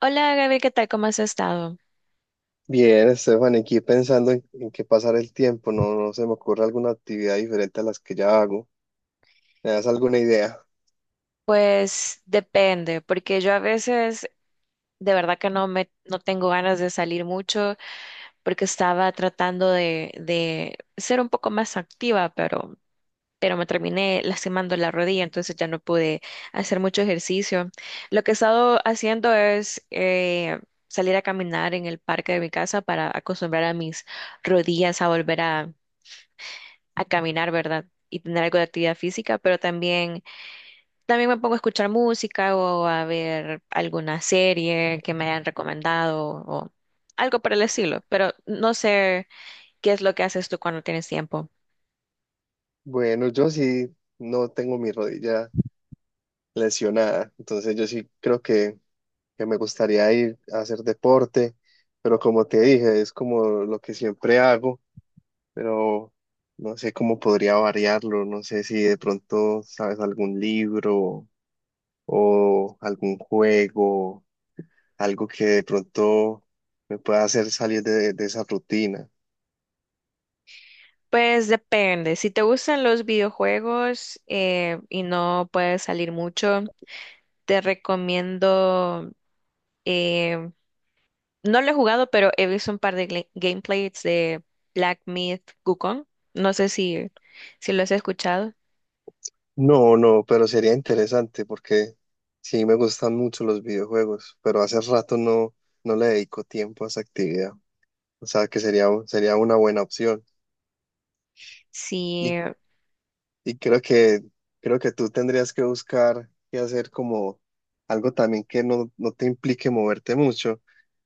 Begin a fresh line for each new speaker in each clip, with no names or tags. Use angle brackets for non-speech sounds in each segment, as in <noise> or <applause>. Hola Gaby, ¿qué tal? ¿Cómo has estado?
Bien, Estefan, aquí pensando en qué pasar el tiempo, no se me ocurre alguna actividad diferente a las que ya hago. ¿Me das alguna idea?
Pues depende, porque yo a veces de verdad que no tengo ganas de salir mucho porque estaba tratando de ser un poco más activa, pero me terminé lastimando la rodilla, entonces ya no pude hacer mucho ejercicio. Lo que he estado haciendo es salir a caminar en el parque de mi casa para acostumbrar a mis rodillas a a caminar, ¿verdad? Y tener algo de actividad física, pero también me pongo a escuchar música o a ver alguna serie que me hayan recomendado o algo por el estilo, pero no sé qué es lo que haces tú cuando tienes tiempo.
Bueno, yo sí no tengo mi rodilla lesionada, entonces yo sí que me gustaría ir a hacer deporte, pero como te dije, es como lo que siempre hago, pero no sé cómo podría variarlo, no sé si de pronto sabes algún libro o algún juego algo que de pronto me pueda hacer salir de esa rutina.
Pues depende, si te gustan los videojuegos y no puedes salir mucho, te recomiendo, eh, no lo he jugado, pero he visto un par de gameplays de Black Myth Wukong, no sé si lo has escuchado.
No, no, pero sería interesante porque sí me gustan mucho los videojuegos, pero hace rato no le dedico tiempo a esa actividad. O sea que sería una buena opción. ¿Y
Sí.
Y creo que tú tendrías que buscar y hacer como algo también que no te implique moverte mucho.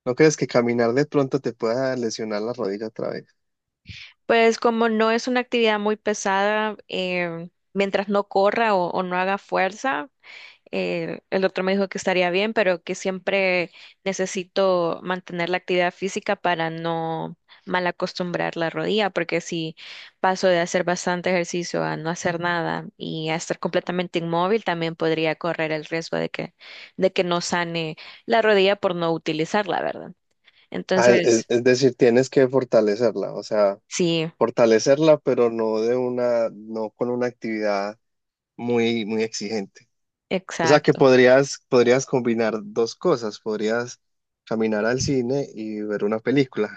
¿No crees que caminar de pronto te pueda lesionar la rodilla otra vez?
Pues como no es una actividad muy pesada, mientras no corra o no haga fuerza, el doctor me dijo que estaría bien, pero que siempre necesito mantener la actividad física para no mal acostumbrar la rodilla, porque si paso de hacer bastante ejercicio a no hacer nada y a estar completamente inmóvil, también podría correr el riesgo de que no sane la rodilla por no utilizarla, ¿verdad?
Ah,
Entonces,
es decir, tienes que fortalecerla, o sea,
sí,
fortalecerla, pero no de una, no con una actividad muy exigente. O sea, que
exacto.
podrías combinar dos cosas, podrías caminar al cine y ver una película.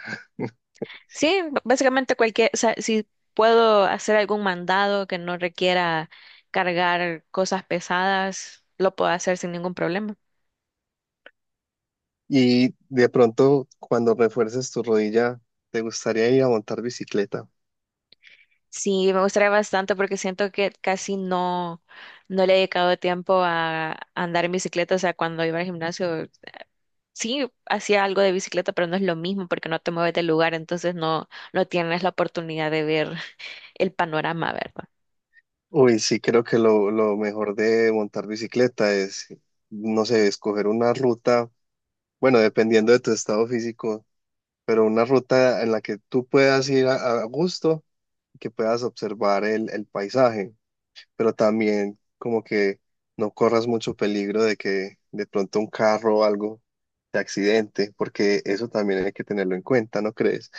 Sí, básicamente cualquier, o sea, si puedo hacer algún mandado que no requiera cargar cosas pesadas, lo puedo hacer sin ningún problema.
Y de pronto, cuando refuerces tu rodilla, ¿te gustaría ir a montar bicicleta?
Sí, me gustaría bastante porque siento que casi no, no le he dedicado tiempo a andar en bicicleta. O sea, cuando iba al gimnasio, sí hacía algo de bicicleta, pero no es lo mismo porque no te mueves del lugar, no tienes la oportunidad de ver el panorama, ¿verdad?
Uy, sí, creo que lo mejor de montar bicicleta es, no sé, escoger una ruta, bueno, dependiendo de tu estado físico, pero una ruta en la que tú puedas ir a gusto. Que puedas observar el paisaje, pero también como que no corras mucho peligro de que de pronto un carro o algo te accidente, porque eso también hay que tenerlo en cuenta, ¿no crees?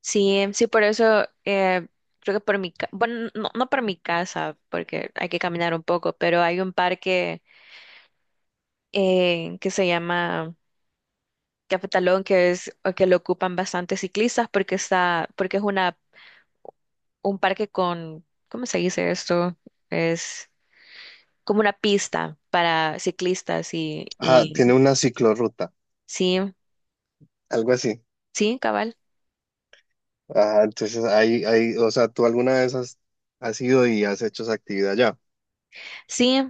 Sí, sí, por eso creo que por mi, ca- bueno, no, no por mi casa, porque hay que caminar un poco, pero hay un parque que se llama Cafetalón, que es o que lo ocupan bastantes ciclistas porque es una un parque con, ¿cómo se dice esto? Es como una pista para ciclistas y
Ah,
y
tiene una ciclorruta,
sí,
algo así.
sí, cabal.
Ah, entonces ahí, o sea, ¿tú alguna vez has ido y has hecho esa actividad ya?
Sí,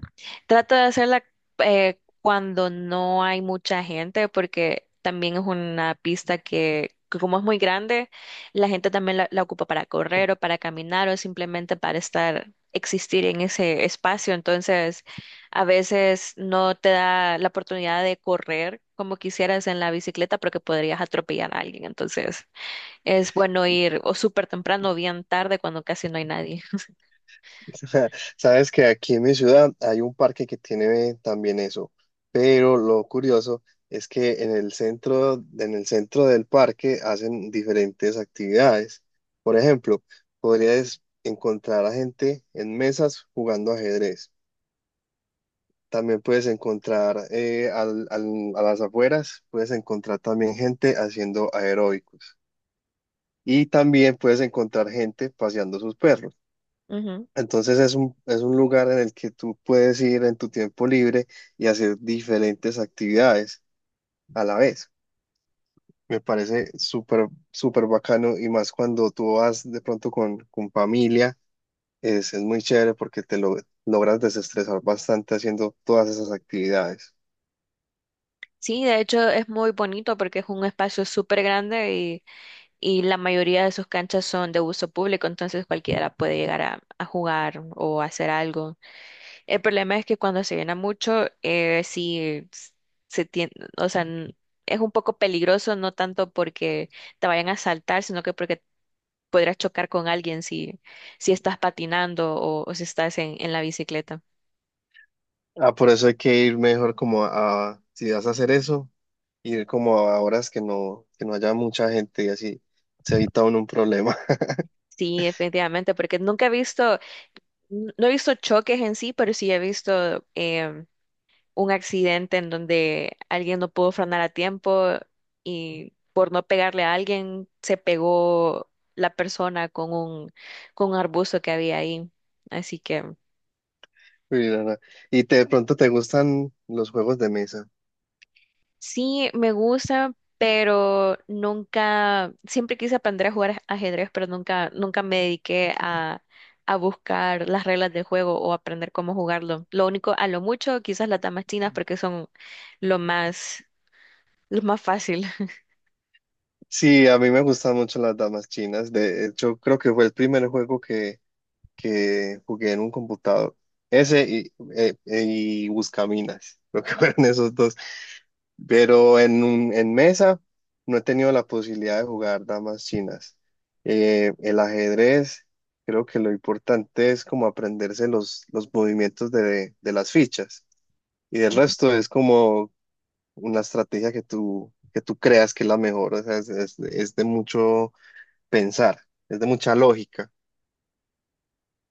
trato de hacerla cuando no hay mucha gente, porque también es una pista que como es muy grande, la gente también la ocupa para correr o para caminar o simplemente para estar, existir en ese espacio. Entonces, a veces no te da la oportunidad de correr como quisieras en la bicicleta porque podrías atropellar a alguien. Entonces, es bueno ir o súper temprano o bien tarde cuando casi no hay nadie.
<laughs> Sabes que aquí en mi ciudad hay un parque que tiene también eso, pero lo curioso es que en el centro del parque hacen diferentes actividades. Por ejemplo, podrías encontrar a gente en mesas jugando ajedrez. También puedes encontrar a las afueras, puedes encontrar también gente haciendo aeróbicos. Y también puedes encontrar gente paseando sus perros.
Ujú.
Entonces es un lugar en el que tú puedes ir en tu tiempo libre y hacer diferentes actividades a la vez. Me parece súper bacano y más cuando tú vas de pronto con familia, es muy chévere porque te logras desestresar bastante haciendo todas esas actividades.
Sí, de hecho es muy bonito porque es un espacio súper grande y la mayoría de sus canchas son de uso público, entonces cualquiera puede llegar a jugar o hacer algo. El problema es que cuando se llena mucho, se tiene, o sea, es un poco peligroso, no tanto porque te vayan a saltar, sino que porque podrías chocar con alguien si estás patinando o si estás en la bicicleta.
Ah, por eso hay que ir mejor como a, si vas a hacer eso, ir como a horas que que no haya mucha gente y así se evita uno un problema.
Sí, efectivamente, porque nunca he visto. No he visto choques en sí, pero sí he visto un accidente en donde alguien no pudo frenar a tiempo y por no pegarle a alguien se pegó la persona con con un arbusto que había ahí. Así que...
Uy, no, no. Y te- de pronto te gustan los juegos de mesa.
Sí, me gusta, pero nunca, siempre quise aprender a jugar ajedrez, pero nunca, nunca me dediqué a buscar las reglas del juego o aprender cómo jugarlo. Lo único, a lo mucho, quizás las damas chinas porque son lo más, lo más fácil. <laughs>
Sí, a mí me gustan mucho las damas chinas. De hecho, creo que fue el primer que jugué en un computador. Ese y Buscaminas, <laughs> lo que fueron esos dos. Pero en, un- en mesa no he tenido la posibilidad de jugar damas chinas. El ajedrez, creo que lo importante es como aprenderse los movimientos de las fichas. Y el resto es como una estrategia que que tú creas que es la mejor, o sea, es de mucho pensar, es de mucha lógica,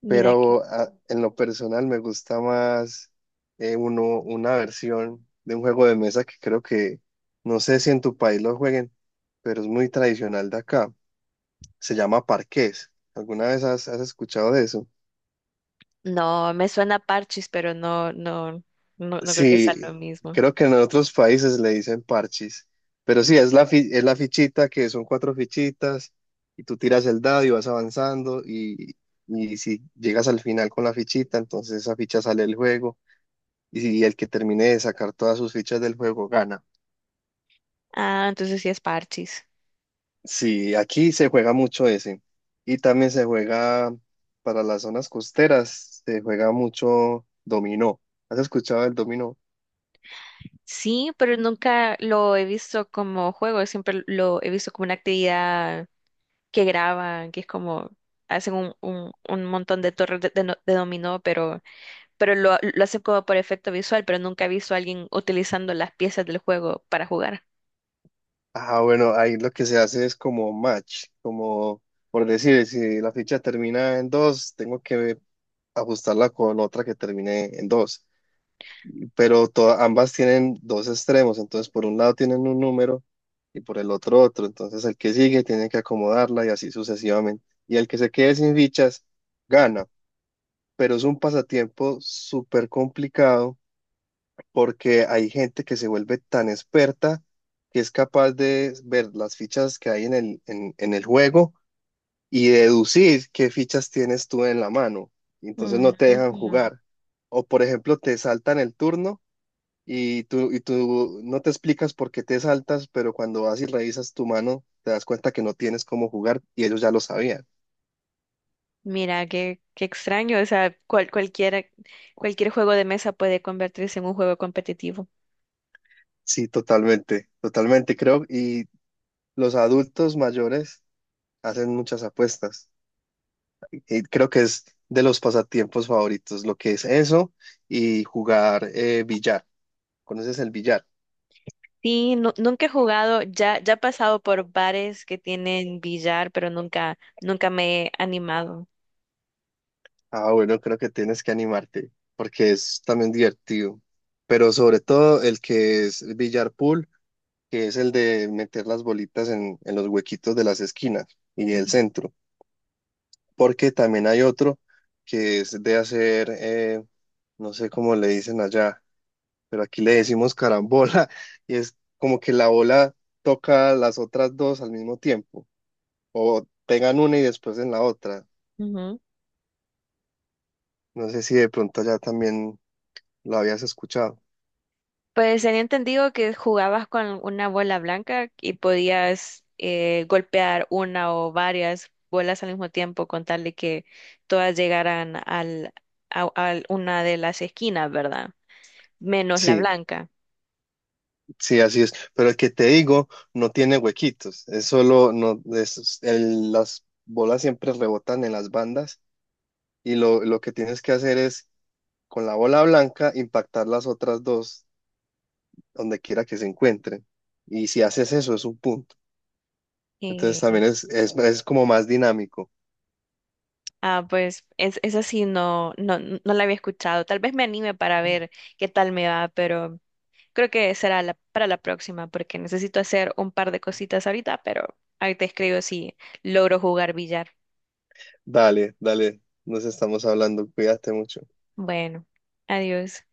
Mira aquí.
pero a- en lo personal me gusta más una versión de un juego de mesa no sé si en tu país lo jueguen, pero es muy tradicional de acá, se llama parqués. ¿Alguna vez has escuchado de eso?
No, me suena parchis, pero no, no, no, no creo que sea lo
Sí,
mismo.
creo que en otros países le dicen parchis, pero sí, es la fichita que son cuatro fichitas y tú tiras el dado y vas avanzando y si llegas al final con la fichita, entonces esa ficha sale del juego y si el que termine de sacar todas sus fichas del juego gana.
Ah, entonces sí es parchis.
Sí, aquí se juega mucho ese y también se juega para las zonas costeras, se juega mucho dominó. ¿Has escuchado el dominó?
Sí, pero nunca lo he visto como juego, siempre lo he visto como una actividad que graban, que es como hacen un montón de torres de no- de dominó, pero lo hacen como por efecto visual, pero nunca he visto a alguien utilizando las piezas del juego para jugar.
Ah, bueno, ahí lo que se hace es como match, como por decir, si la ficha termina en dos, tengo que ajustarla con otra que termine en dos. Pero to- ambas tienen dos extremos, entonces por un lado tienen un número y por el otro otro. Entonces el que sigue tiene que acomodarla y así sucesivamente. Y el que se quede sin fichas gana. Pero es un pasatiempo súper complicado porque hay gente que se vuelve tan experta que es capaz de ver las fichas que hay en el juego y deducir qué fichas tienes tú en la mano. Y entonces no te dejan
Ujú.
jugar. O por ejemplo, te saltan el turno y tú no te explicas por qué te saltas, pero cuando vas y revisas tu mano, te das cuenta que no tienes cómo jugar y ellos ya lo sabían.
Mira, qué, qué extraño, o sea, cualquier juego de mesa puede convertirse en un juego competitivo.
Sí, totalmente creo. Y los adultos mayores hacen muchas apuestas. Eh, creo que es de los pasatiempos favoritos, lo que es eso y jugar billar. ¿Conoces el billar?
Sí, nunca he jugado, ya, ya he pasado por bares que tienen billar, pero nunca, nunca me he animado.
Ah, bueno, creo que tienes que animarte porque es también divertido. Pero sobre todo el que es billar pool, que es el de meter las bolitas en los huequitos de las esquinas y el
Ujú,
centro. Porque también hay otro que es de hacer, no sé cómo le dicen allá pero aquí le decimos carambola <laughs> y es como que la bola toca las otras dos al mismo tiempo o pegan una y después en la otra.
ujú.
No sé si de pronto ya también lo habías escuchado.
Pues tenía entendido que jugabas con una bola blanca y podías golpear una o varias bolas al mismo tiempo con tal de que todas llegaran a una de las esquinas, ¿verdad? Menos la
Sí,
blanca.
sí, así es. Pero el que te digo no tiene huequitos, es solo, no, es- el- las bolas siempre rebotan en las bandas y lo que tienes que hacer es con la bola blanca impactar las otras dos donde quiera que se encuentren. Y si haces eso es un punto. Entonces
Eh,
también es como más dinámico.
pues esa sí no, no, no la había escuchado. Tal vez me anime para ver qué tal me va, pero creo que será para la próxima porque necesito hacer un par de cositas ahorita, pero ahí te escribo si logro jugar billar.
Dale, dale, nos estamos hablando, cuídate mucho.
Bueno, adiós.